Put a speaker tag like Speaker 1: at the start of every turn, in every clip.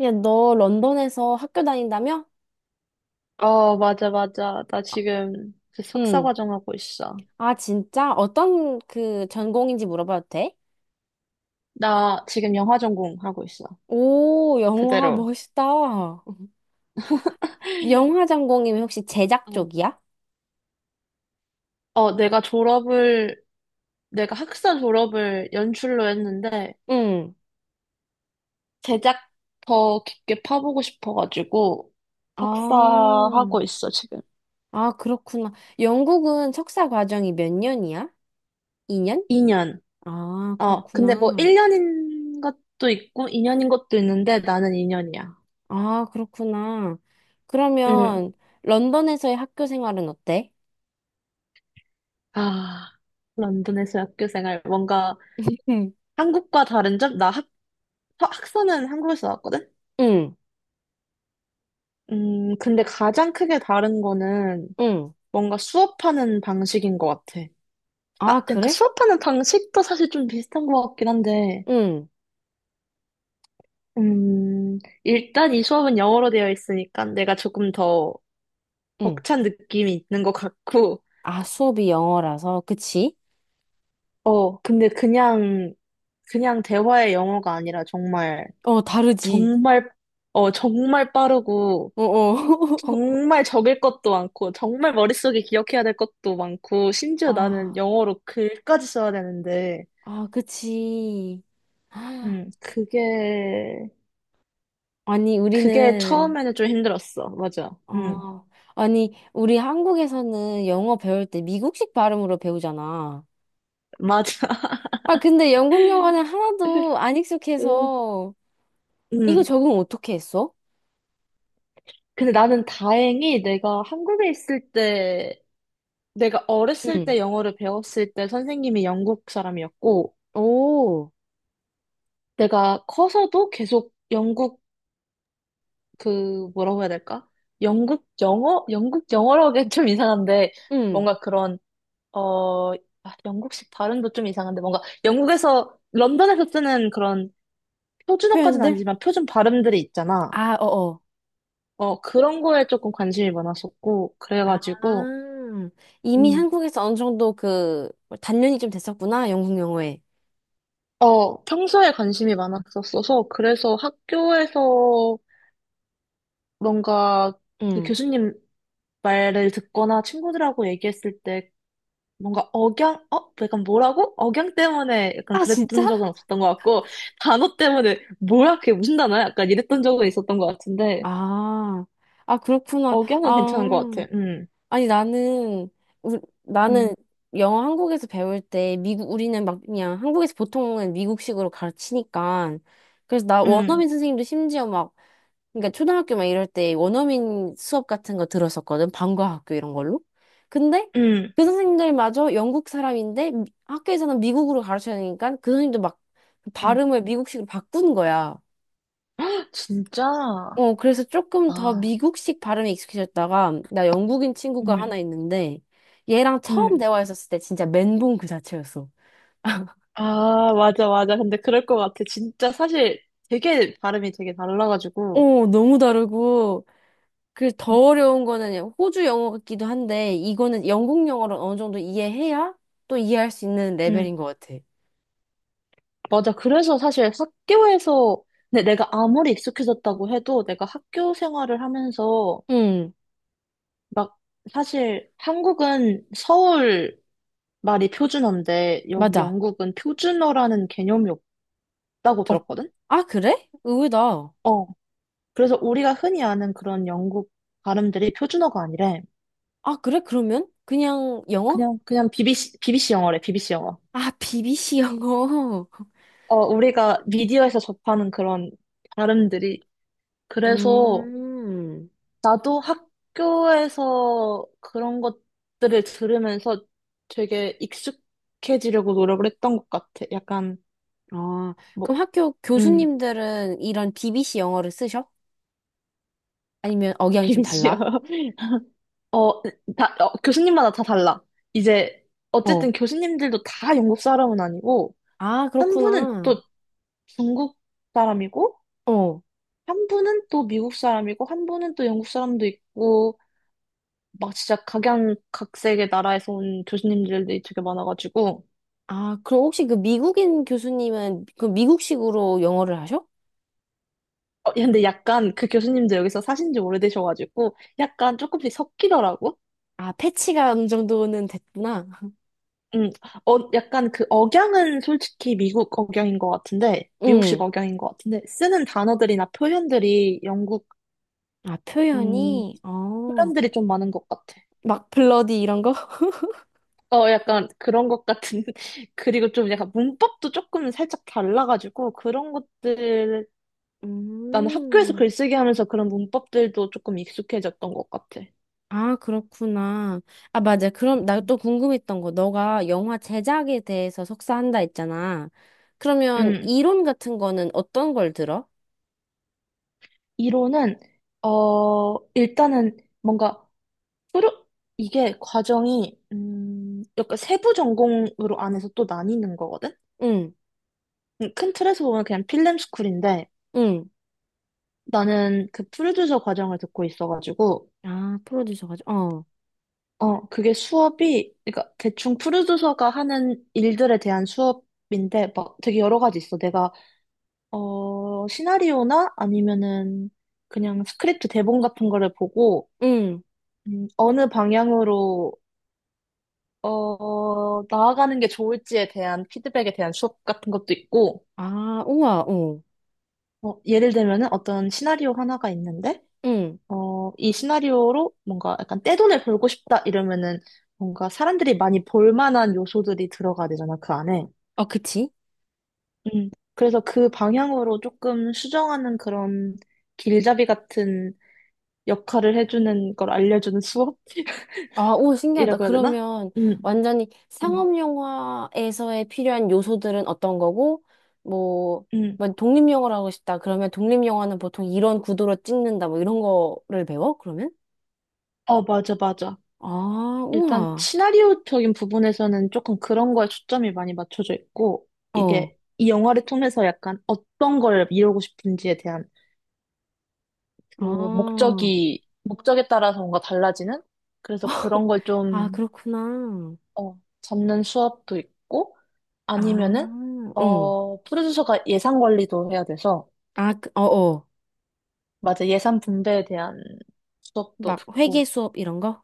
Speaker 1: 야, 너 런던에서 학교 다닌다며?
Speaker 2: 맞아, 맞아. 나 지금 그 석사
Speaker 1: 응.
Speaker 2: 과정 하고 있어.
Speaker 1: 아, 진짜? 어떤 전공인지 물어봐도 돼?
Speaker 2: 나 지금 영화 전공 하고 있어.
Speaker 1: 오, 영화
Speaker 2: 그대로.
Speaker 1: 멋있다. 영화 전공이면 혹시 제작
Speaker 2: 어,
Speaker 1: 쪽이야?
Speaker 2: 내가 내가 학사 졸업을 연출로 했는데,
Speaker 1: 응.
Speaker 2: 제작 더 깊게 파보고 싶어가지고,
Speaker 1: 아,
Speaker 2: 석사 하고 있어, 지금.
Speaker 1: 아, 그렇구나. 영국은 석사 과정이 몇 년이야? 2년?
Speaker 2: 2년.
Speaker 1: 아,
Speaker 2: 근데 뭐
Speaker 1: 그렇구나.
Speaker 2: 1년인 것도 있고, 2년인 것도 있는데, 나는 2년이야.
Speaker 1: 아, 그렇구나.
Speaker 2: 응.
Speaker 1: 그러면 런던에서의 학교 생활은 어때?
Speaker 2: 아, 런던에서 학교 생활. 뭔가
Speaker 1: 응.
Speaker 2: 한국과 다른 점? 나 학사는 한국에서 나왔거든?
Speaker 1: 응.
Speaker 2: 근데 가장 크게 다른 거는
Speaker 1: 응.
Speaker 2: 뭔가 수업하는 방식인 것 같아.
Speaker 1: 아,
Speaker 2: 아, 그러니까
Speaker 1: 그래?
Speaker 2: 수업하는 방식도 사실 좀 비슷한 것 같긴 한데,
Speaker 1: 응.
Speaker 2: 음, 일단 이 수업은 영어로 되어 있으니까 내가 조금 더
Speaker 1: 응.
Speaker 2: 벅찬 느낌이 있는 것 같고,
Speaker 1: 아, 수업이 영어라서, 그치?
Speaker 2: 근데 그냥 대화의 영어가 아니라 정말,
Speaker 1: 어, 다르지.
Speaker 2: 정말, 정말 빠르고,
Speaker 1: 어어.
Speaker 2: 정말 적을 것도 많고, 정말 머릿속에 기억해야 될 것도 많고, 심지어 나는
Speaker 1: 아,
Speaker 2: 영어로 글까지 써야 되는데,
Speaker 1: 아, 그치.
Speaker 2: 음, 그게,
Speaker 1: 아니,
Speaker 2: 그게
Speaker 1: 우리는,
Speaker 2: 처음에는 좀 힘들었어. 맞아.
Speaker 1: 어, 아니, 우리 한국에서는 영어 배울 때 미국식 발음으로 배우잖아.
Speaker 2: 맞아.
Speaker 1: 아, 근데 영국 영어는 하나도 안
Speaker 2: 음,
Speaker 1: 익숙해서, 이거
Speaker 2: 음.
Speaker 1: 적응 어떻게 했어?
Speaker 2: 근데 나는 다행히 내가 한국에 있을 때, 내가 어렸을
Speaker 1: 응.
Speaker 2: 때 영어를 배웠을 때 선생님이 영국 사람이었고,
Speaker 1: 오,
Speaker 2: 내가 커서도 계속 영국, 그, 뭐라고 해야 될까? 영국 영어? 영국 영어라고 하기엔 좀 이상한데,
Speaker 1: 응.
Speaker 2: 뭔가 그런 어, 아, 영국식 발음도 좀 이상한데 뭔가 영국에서 런던에서 쓰는 그런 표준어까지는
Speaker 1: 표현들?
Speaker 2: 아니지만 표준 발음들이 있잖아.
Speaker 1: 아, 어어.
Speaker 2: 어, 그런 거에 조금 관심이 많았었고
Speaker 1: 아,
Speaker 2: 그래가지고
Speaker 1: 이미
Speaker 2: 음.
Speaker 1: 한국에서 어느 정도 단련이 좀 됐었구나, 영국 영어에.
Speaker 2: 어, 평소에 관심이 많았었어서 그래서 학교에서 뭔가 그
Speaker 1: 응.
Speaker 2: 교수님 말을 듣거나 친구들하고 얘기했을 때 뭔가 억양, 어? 약간 뭐라고? 억양 때문에 약간
Speaker 1: 아,
Speaker 2: 그랬던
Speaker 1: 진짜?
Speaker 2: 적은 없었던 것 같고, 단어 때문에 뭐야, 그게 무슨 단어야? 약간 이랬던 적은 있었던 것 같은데,
Speaker 1: 아, 아, 그렇구나.
Speaker 2: 억양은
Speaker 1: 아,
Speaker 2: 괜찮은 것 같아. 응,
Speaker 1: 아니, 나는, 우,
Speaker 2: 응,
Speaker 1: 나는 영어 한국에서 배울 때, 미국, 우리는 막 그냥 한국에서 보통은 미국식으로 가르치니까. 그래서 나
Speaker 2: 응,
Speaker 1: 원어민 선생님도 심지어 막, 그러니까 초등학교 막 이럴 때 원어민 수업 같은 거 들었었거든. 방과학교 이런 걸로. 근데
Speaker 2: 응,
Speaker 1: 그 선생님들마저 영국 사람인데 미- 학교에서는 미국으로 가르쳐야 되니까 그 선생님도 막 그
Speaker 2: 응.
Speaker 1: 발음을 미국식으로 바꾼 거야.
Speaker 2: 진짜?
Speaker 1: 어, 그래서 조금 더
Speaker 2: 아,
Speaker 1: 미국식 발음에 익숙해졌다가, 나 영국인 친구가
Speaker 2: 응,
Speaker 1: 하나 있는데, 얘랑 처음
Speaker 2: 응.
Speaker 1: 대화했었을 때 진짜 멘붕 그 자체였어.
Speaker 2: 아, 맞아, 맞아. 근데 그럴 것 같아. 진짜 사실 되게 발음이 되게 달라가지고.
Speaker 1: 어, 너무 다르고, 그 더
Speaker 2: 응,
Speaker 1: 어려운 거는 호주 영어 같기도 한데, 이거는 영국 영어를 어느 정도 이해해야 또 이해할 수 있는
Speaker 2: 응.
Speaker 1: 레벨인 것 같아.
Speaker 2: 맞아. 그래서 사실 학교에서, 근데 내가 아무리 익숙해졌다고 해도 내가 학교 생활을 하면서
Speaker 1: 응,
Speaker 2: 막, 사실 한국은 서울 말이 표준어인데, 여기
Speaker 1: 맞아.
Speaker 2: 영국은 표준어라는 개념이 없다고
Speaker 1: 어,
Speaker 2: 들었거든?
Speaker 1: 아, 그래? 의외다.
Speaker 2: 어. 그래서 우리가 흔히 아는 그런 영국 발음들이 표준어가 아니래.
Speaker 1: 아, 그래? 그러면? 그냥 영어?
Speaker 2: 그냥 BBC 영어래, BBC 영어.
Speaker 1: 아, BBC 영어.
Speaker 2: 어, 우리가 미디어에서 접하는 그런 발음들이. 그래서
Speaker 1: 음.
Speaker 2: 나도 학교에서 그런 것들을 들으면서 되게 익숙해지려고 노력을 했던 것 같아. 약간,
Speaker 1: 아,
Speaker 2: 뭐,
Speaker 1: 그럼 학교
Speaker 2: 음.
Speaker 1: 교수님들은 이런 BBC 영어를 쓰셔? 아니면 억양이 좀
Speaker 2: 알지요.
Speaker 1: 달라?
Speaker 2: 어, 교수님마다 다 달라. 이제,
Speaker 1: 어.
Speaker 2: 어쨌든 교수님들도 다 영국 사람은 아니고,
Speaker 1: 아,
Speaker 2: 한 분은
Speaker 1: 그렇구나.
Speaker 2: 또 중국 사람이고,
Speaker 1: 어.
Speaker 2: 한 분은 또 미국 사람이고, 한 분은 또 영국 사람도 있고, 막 진짜 각양각색의 나라에서 온 교수님들이 되게 많아가지고,
Speaker 1: 아, 그럼 혹시 그 미국인 교수님은 그 미국식으로 영어를 하셔?
Speaker 2: 근데 약간 그 교수님들 여기서 사신 지 오래되셔가지고, 약간 조금씩 섞이더라고.
Speaker 1: 아, 패치가 어느 정도는 됐구나.
Speaker 2: 음, 약간 그 억양은 솔직히 미국 억양인 것 같은데, 미국식
Speaker 1: 응.
Speaker 2: 억양인 것 같은데, 쓰는 단어들이나 표현들이 영국,
Speaker 1: 아,
Speaker 2: 음,
Speaker 1: 표현이? 어.
Speaker 2: 표현들이 좀 많은 것 같아.
Speaker 1: 막 블러디 이런 거?
Speaker 2: 어, 약간 그런 것 같은, 그리고 좀 약간 문법도 조금 살짝 달라가지고, 그런 것들, 나는 학교에서
Speaker 1: 음.
Speaker 2: 글쓰기 하면서 그런 문법들도 조금 익숙해졌던 것 같아.
Speaker 1: 아, 그렇구나. 아, 맞아. 그럼 나 또 궁금했던 거. 너가 영화 제작에 대해서 석사한다 했잖아. 그러면
Speaker 2: 음,
Speaker 1: 이론 같은 거는 어떤 걸 들어?
Speaker 2: 이론은, 어, 일단은 뭔가 뿌려- 이게 과정이 약간 세부 전공으로 안에서 또 나뉘는 거거든?
Speaker 1: 응,
Speaker 2: 큰 틀에서 보면 그냥 필름 스쿨인데
Speaker 1: 응.
Speaker 2: 나는 그 프로듀서 과정을 듣고 있어가지고
Speaker 1: 아, 프로듀서 가지고. 어,
Speaker 2: 어 그게 수업이 그러니까 대충 프로듀서가 하는 일들에 대한 수업인데 막 되게 여러 가지 있어. 내가 어 시나리오나 아니면은 그냥 스크립트 대본 같은 거를 보고
Speaker 1: 응.
Speaker 2: 어느 방향으로 어, 나아가는 게 좋을지에 대한 피드백에 대한 수업 같은 것도 있고,
Speaker 1: 아, 우와, 어.
Speaker 2: 어, 예를 들면은 어떤 시나리오 하나가 있는데,
Speaker 1: 응.
Speaker 2: 어, 이 시나리오로 뭔가 약간 떼돈을 벌고 싶다 이러면은 뭔가 사람들이 많이 볼 만한 요소들이 들어가야 되잖아, 그 안에.
Speaker 1: 아, 그치?
Speaker 2: 그래서 그 방향으로 조금 수정하는 그런 길잡이 같은 역할을 해주는 걸 알려주는 수업?
Speaker 1: 아, 오, 신기하다.
Speaker 2: 이라고 해야 되나?
Speaker 1: 그러면
Speaker 2: 음,
Speaker 1: 완전히
Speaker 2: 음,
Speaker 1: 상업 영화에서의 필요한 요소들은 어떤 거고, 뭐,
Speaker 2: 음.
Speaker 1: 뭐 독립 영화를 하고 싶다. 그러면 독립 영화는 보통 이런 구도로 찍는다. 뭐 이런 거를 배워? 그러면?
Speaker 2: 어, 맞아, 맞아.
Speaker 1: 아,
Speaker 2: 일단
Speaker 1: 우와.
Speaker 2: 시나리오적인 부분에서는 조금 그런 거에 초점이 많이 맞춰져 있고,
Speaker 1: 어.
Speaker 2: 이게 이 영화를 통해서 약간 어떤 걸 이루고 싶은지에 대한 그
Speaker 1: 아.
Speaker 2: 목적에 따라서 뭔가 달라지는? 그래서 그런 걸
Speaker 1: 아,
Speaker 2: 좀,
Speaker 1: 그렇구나.
Speaker 2: 어, 잡는 수업도 있고, 아니면은,
Speaker 1: 아, 응.
Speaker 2: 어, 프로듀서가 예산 관리도 해야 돼서,
Speaker 1: 아, 그- 어, 어.
Speaker 2: 맞아, 예산 분배에 대한 수업도
Speaker 1: 막 회계
Speaker 2: 듣고,
Speaker 1: 수업 이런 거?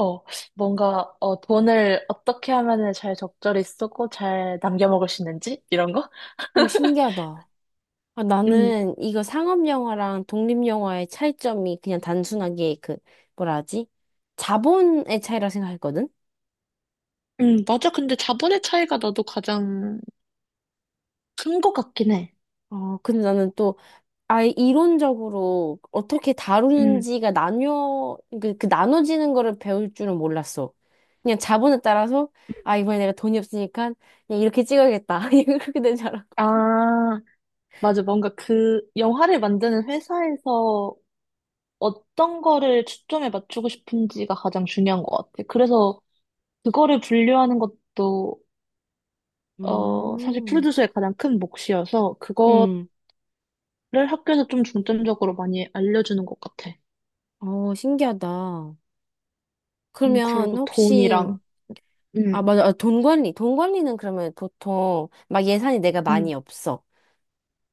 Speaker 2: 어, 어, 돈을 어떻게 하면은 잘 적절히 쓰고 잘 남겨 먹을 수 있는지? 이런 거?
Speaker 1: 오, 신기하다. 아,
Speaker 2: 음,
Speaker 1: 나는 이거 상업 영화랑 독립 영화의 차이점이 그냥 단순하게 뭐라 하지? 자본의 차이라 생각했거든.
Speaker 2: 맞아. 근데 자본의 차이가 나도 가장 큰 것 같긴 해.
Speaker 1: 어, 근데 나는 또 아예 이론적으로 어떻게
Speaker 2: 음,
Speaker 1: 다루는지가 나뉘어, 그 나눠지는 거를 배울 줄은 몰랐어. 그냥 자본에 따라서, 아, 이번에 내가 돈이 없으니까 그냥 이렇게 찍어야겠다. 이렇게 된 줄 알았고.
Speaker 2: 아, 맞아. 뭔가 그 영화를 만드는 회사에서 어떤 거를 초점에 맞추고 싶은지가 가장 중요한 것 같아. 그래서 그거를 분류하는 것도, 어, 사실
Speaker 1: 음,
Speaker 2: 프로듀서의 가장 큰 몫이어서 그거를
Speaker 1: 음,
Speaker 2: 학교에서 좀 중점적으로 많이 알려주는 것 같아.
Speaker 1: 어, 신기하다. 그러면
Speaker 2: 그리고
Speaker 1: 혹시,
Speaker 2: 돈이랑,
Speaker 1: 아,
Speaker 2: 음,
Speaker 1: 맞아. 아, 돈 관리. 돈 관리는 그러면 보통 막 예산이 내가
Speaker 2: 음,
Speaker 1: 많이 없어.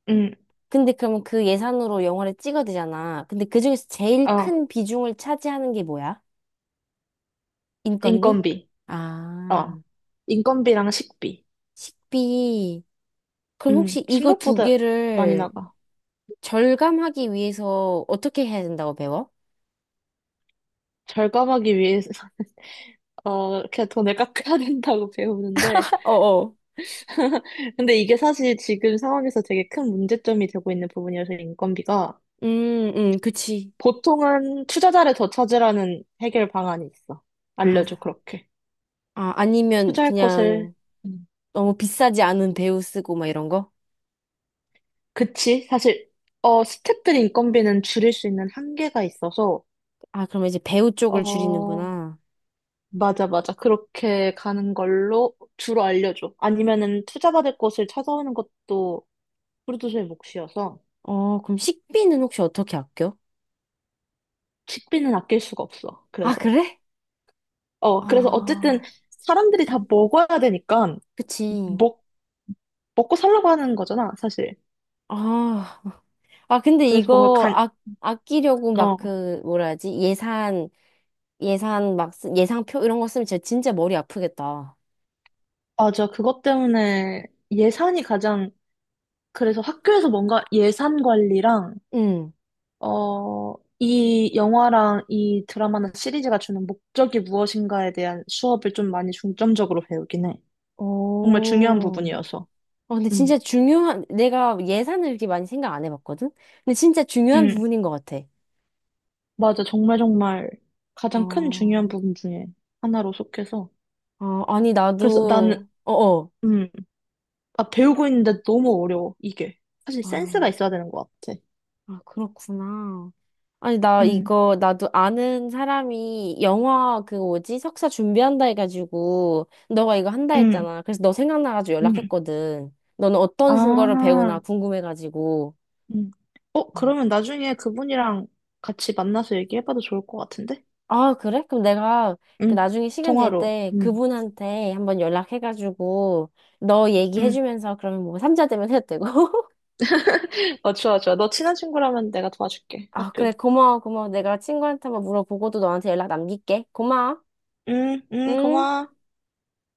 Speaker 2: 음,
Speaker 1: 근데 그러면 그 예산으로 영화를 찍어야 되잖아. 근데 그중에서 제일
Speaker 2: 어,
Speaker 1: 큰 비중을 차지하는 게 뭐야? 인건비?
Speaker 2: 인건비,
Speaker 1: 아,
Speaker 2: 어, 인건비랑 식비,
Speaker 1: 식비. 그럼 혹시 이거 두
Speaker 2: 생각보다 많이
Speaker 1: 개를
Speaker 2: 나가.
Speaker 1: 절감하기 위해서 어떻게 해야 된다고 배워?
Speaker 2: 절감하기 위해서, 어, 이렇게 돈을 깎아야 된다고 배우는데,
Speaker 1: 어어.
Speaker 2: 근데 이게 사실 지금 상황에서 되게 큰 문제점이 되고 있는 부분이어서 인건비가,
Speaker 1: 그치.
Speaker 2: 보통은 투자자를 더 찾으라는 해결 방안이 있어.
Speaker 1: 아,
Speaker 2: 알려줘, 그렇게.
Speaker 1: 아, 아니면
Speaker 2: 투자할 곳을,
Speaker 1: 그냥
Speaker 2: 음.
Speaker 1: 너무 비싸지 않은 배우 쓰고 막 이런 거?
Speaker 2: 그치? 사실, 어, 스태프들 인건비는 줄일 수 있는 한계가 있어서,
Speaker 1: 아, 그러면 이제 배우 쪽을
Speaker 2: 어,
Speaker 1: 줄이는구나.
Speaker 2: 맞아, 맞아. 그렇게 가는 걸로 주로 알려줘. 아니면은 투자받을 곳을 찾아오는 것도 프로듀서의 몫이어서
Speaker 1: 어, 그럼 식비는 혹시 어떻게 아껴?
Speaker 2: 식비는 아낄 수가 없어.
Speaker 1: 아,
Speaker 2: 그래서.
Speaker 1: 그래?
Speaker 2: 어, 그래서 어쨌든
Speaker 1: 아,
Speaker 2: 사람들이 다 먹어야 되니까
Speaker 1: 그치.
Speaker 2: 먹, 먹고 살라고 하는 거잖아, 사실.
Speaker 1: 아, 아, 근데
Speaker 2: 그래서 뭔가
Speaker 1: 이거
Speaker 2: 간,
Speaker 1: 아, 아끼려고 막
Speaker 2: 어,
Speaker 1: 뭐라 하지? 예산 막, 쓰- 예상표 이런 거 쓰면 진짜, 진짜 머리 아프겠다.
Speaker 2: 맞아. 그것 때문에 예산이 가장, 그래서 학교에서 뭔가 예산 관리랑
Speaker 1: 응.
Speaker 2: 어, 이 영화랑 이 드라마나 시리즈가 주는 목적이 무엇인가에 대한 수업을 좀 많이 중점적으로 배우긴 해. 정말 중요한
Speaker 1: 오,
Speaker 2: 부분이어서.
Speaker 1: 어, 근데
Speaker 2: 음,
Speaker 1: 진짜 중요한, 내가 예산을 이렇게 많이 생각 안 해봤거든? 근데 진짜 중요한
Speaker 2: 음,
Speaker 1: 부분인 것 같아.
Speaker 2: 맞아. 정말 정말
Speaker 1: 아,
Speaker 2: 가장 큰 중요한
Speaker 1: 어,
Speaker 2: 부분 중에 하나로 속해서.
Speaker 1: 아니,
Speaker 2: 그래서 나는,
Speaker 1: 나도, 어어.
Speaker 2: 음, 아, 배우고 있는데 너무 어려워, 이게. 사실 센스가
Speaker 1: 아,
Speaker 2: 있어야 되는 것 같아.
Speaker 1: 아, 그렇구나. 아니, 나
Speaker 2: 음,
Speaker 1: 이거, 나도 아는 사람이 영화 그 뭐지? 석사 준비한다 해가지고, 너가 이거 한다
Speaker 2: 음,
Speaker 1: 했잖아. 그래서 너 생각나가지고
Speaker 2: 음.
Speaker 1: 연락했거든. 너는 어떤 거를
Speaker 2: 아,
Speaker 1: 배우나 궁금해가지고.
Speaker 2: 음. 어, 그러면 나중에 그분이랑 같이 만나서 얘기해봐도 좋을 것 같은데?
Speaker 1: 아, 그래? 그럼 내가 그
Speaker 2: 응,
Speaker 1: 나중에 시간 될
Speaker 2: 통화로.
Speaker 1: 때
Speaker 2: 음.
Speaker 1: 그분한테 한번 연락해가지고 너
Speaker 2: 응.
Speaker 1: 얘기해주면서 그러면 뭐 삼자 되면 해도 되고.
Speaker 2: 어, 좋아, 좋아. 너 친한 친구라면 내가 도와줄게.
Speaker 1: 아, 그래.
Speaker 2: 학교.
Speaker 1: 고마워, 고마워. 내가 친구한테 한번 물어보고도 너한테 연락 남길게. 고마워.
Speaker 2: 응, 응,
Speaker 1: 응?
Speaker 2: 고마워.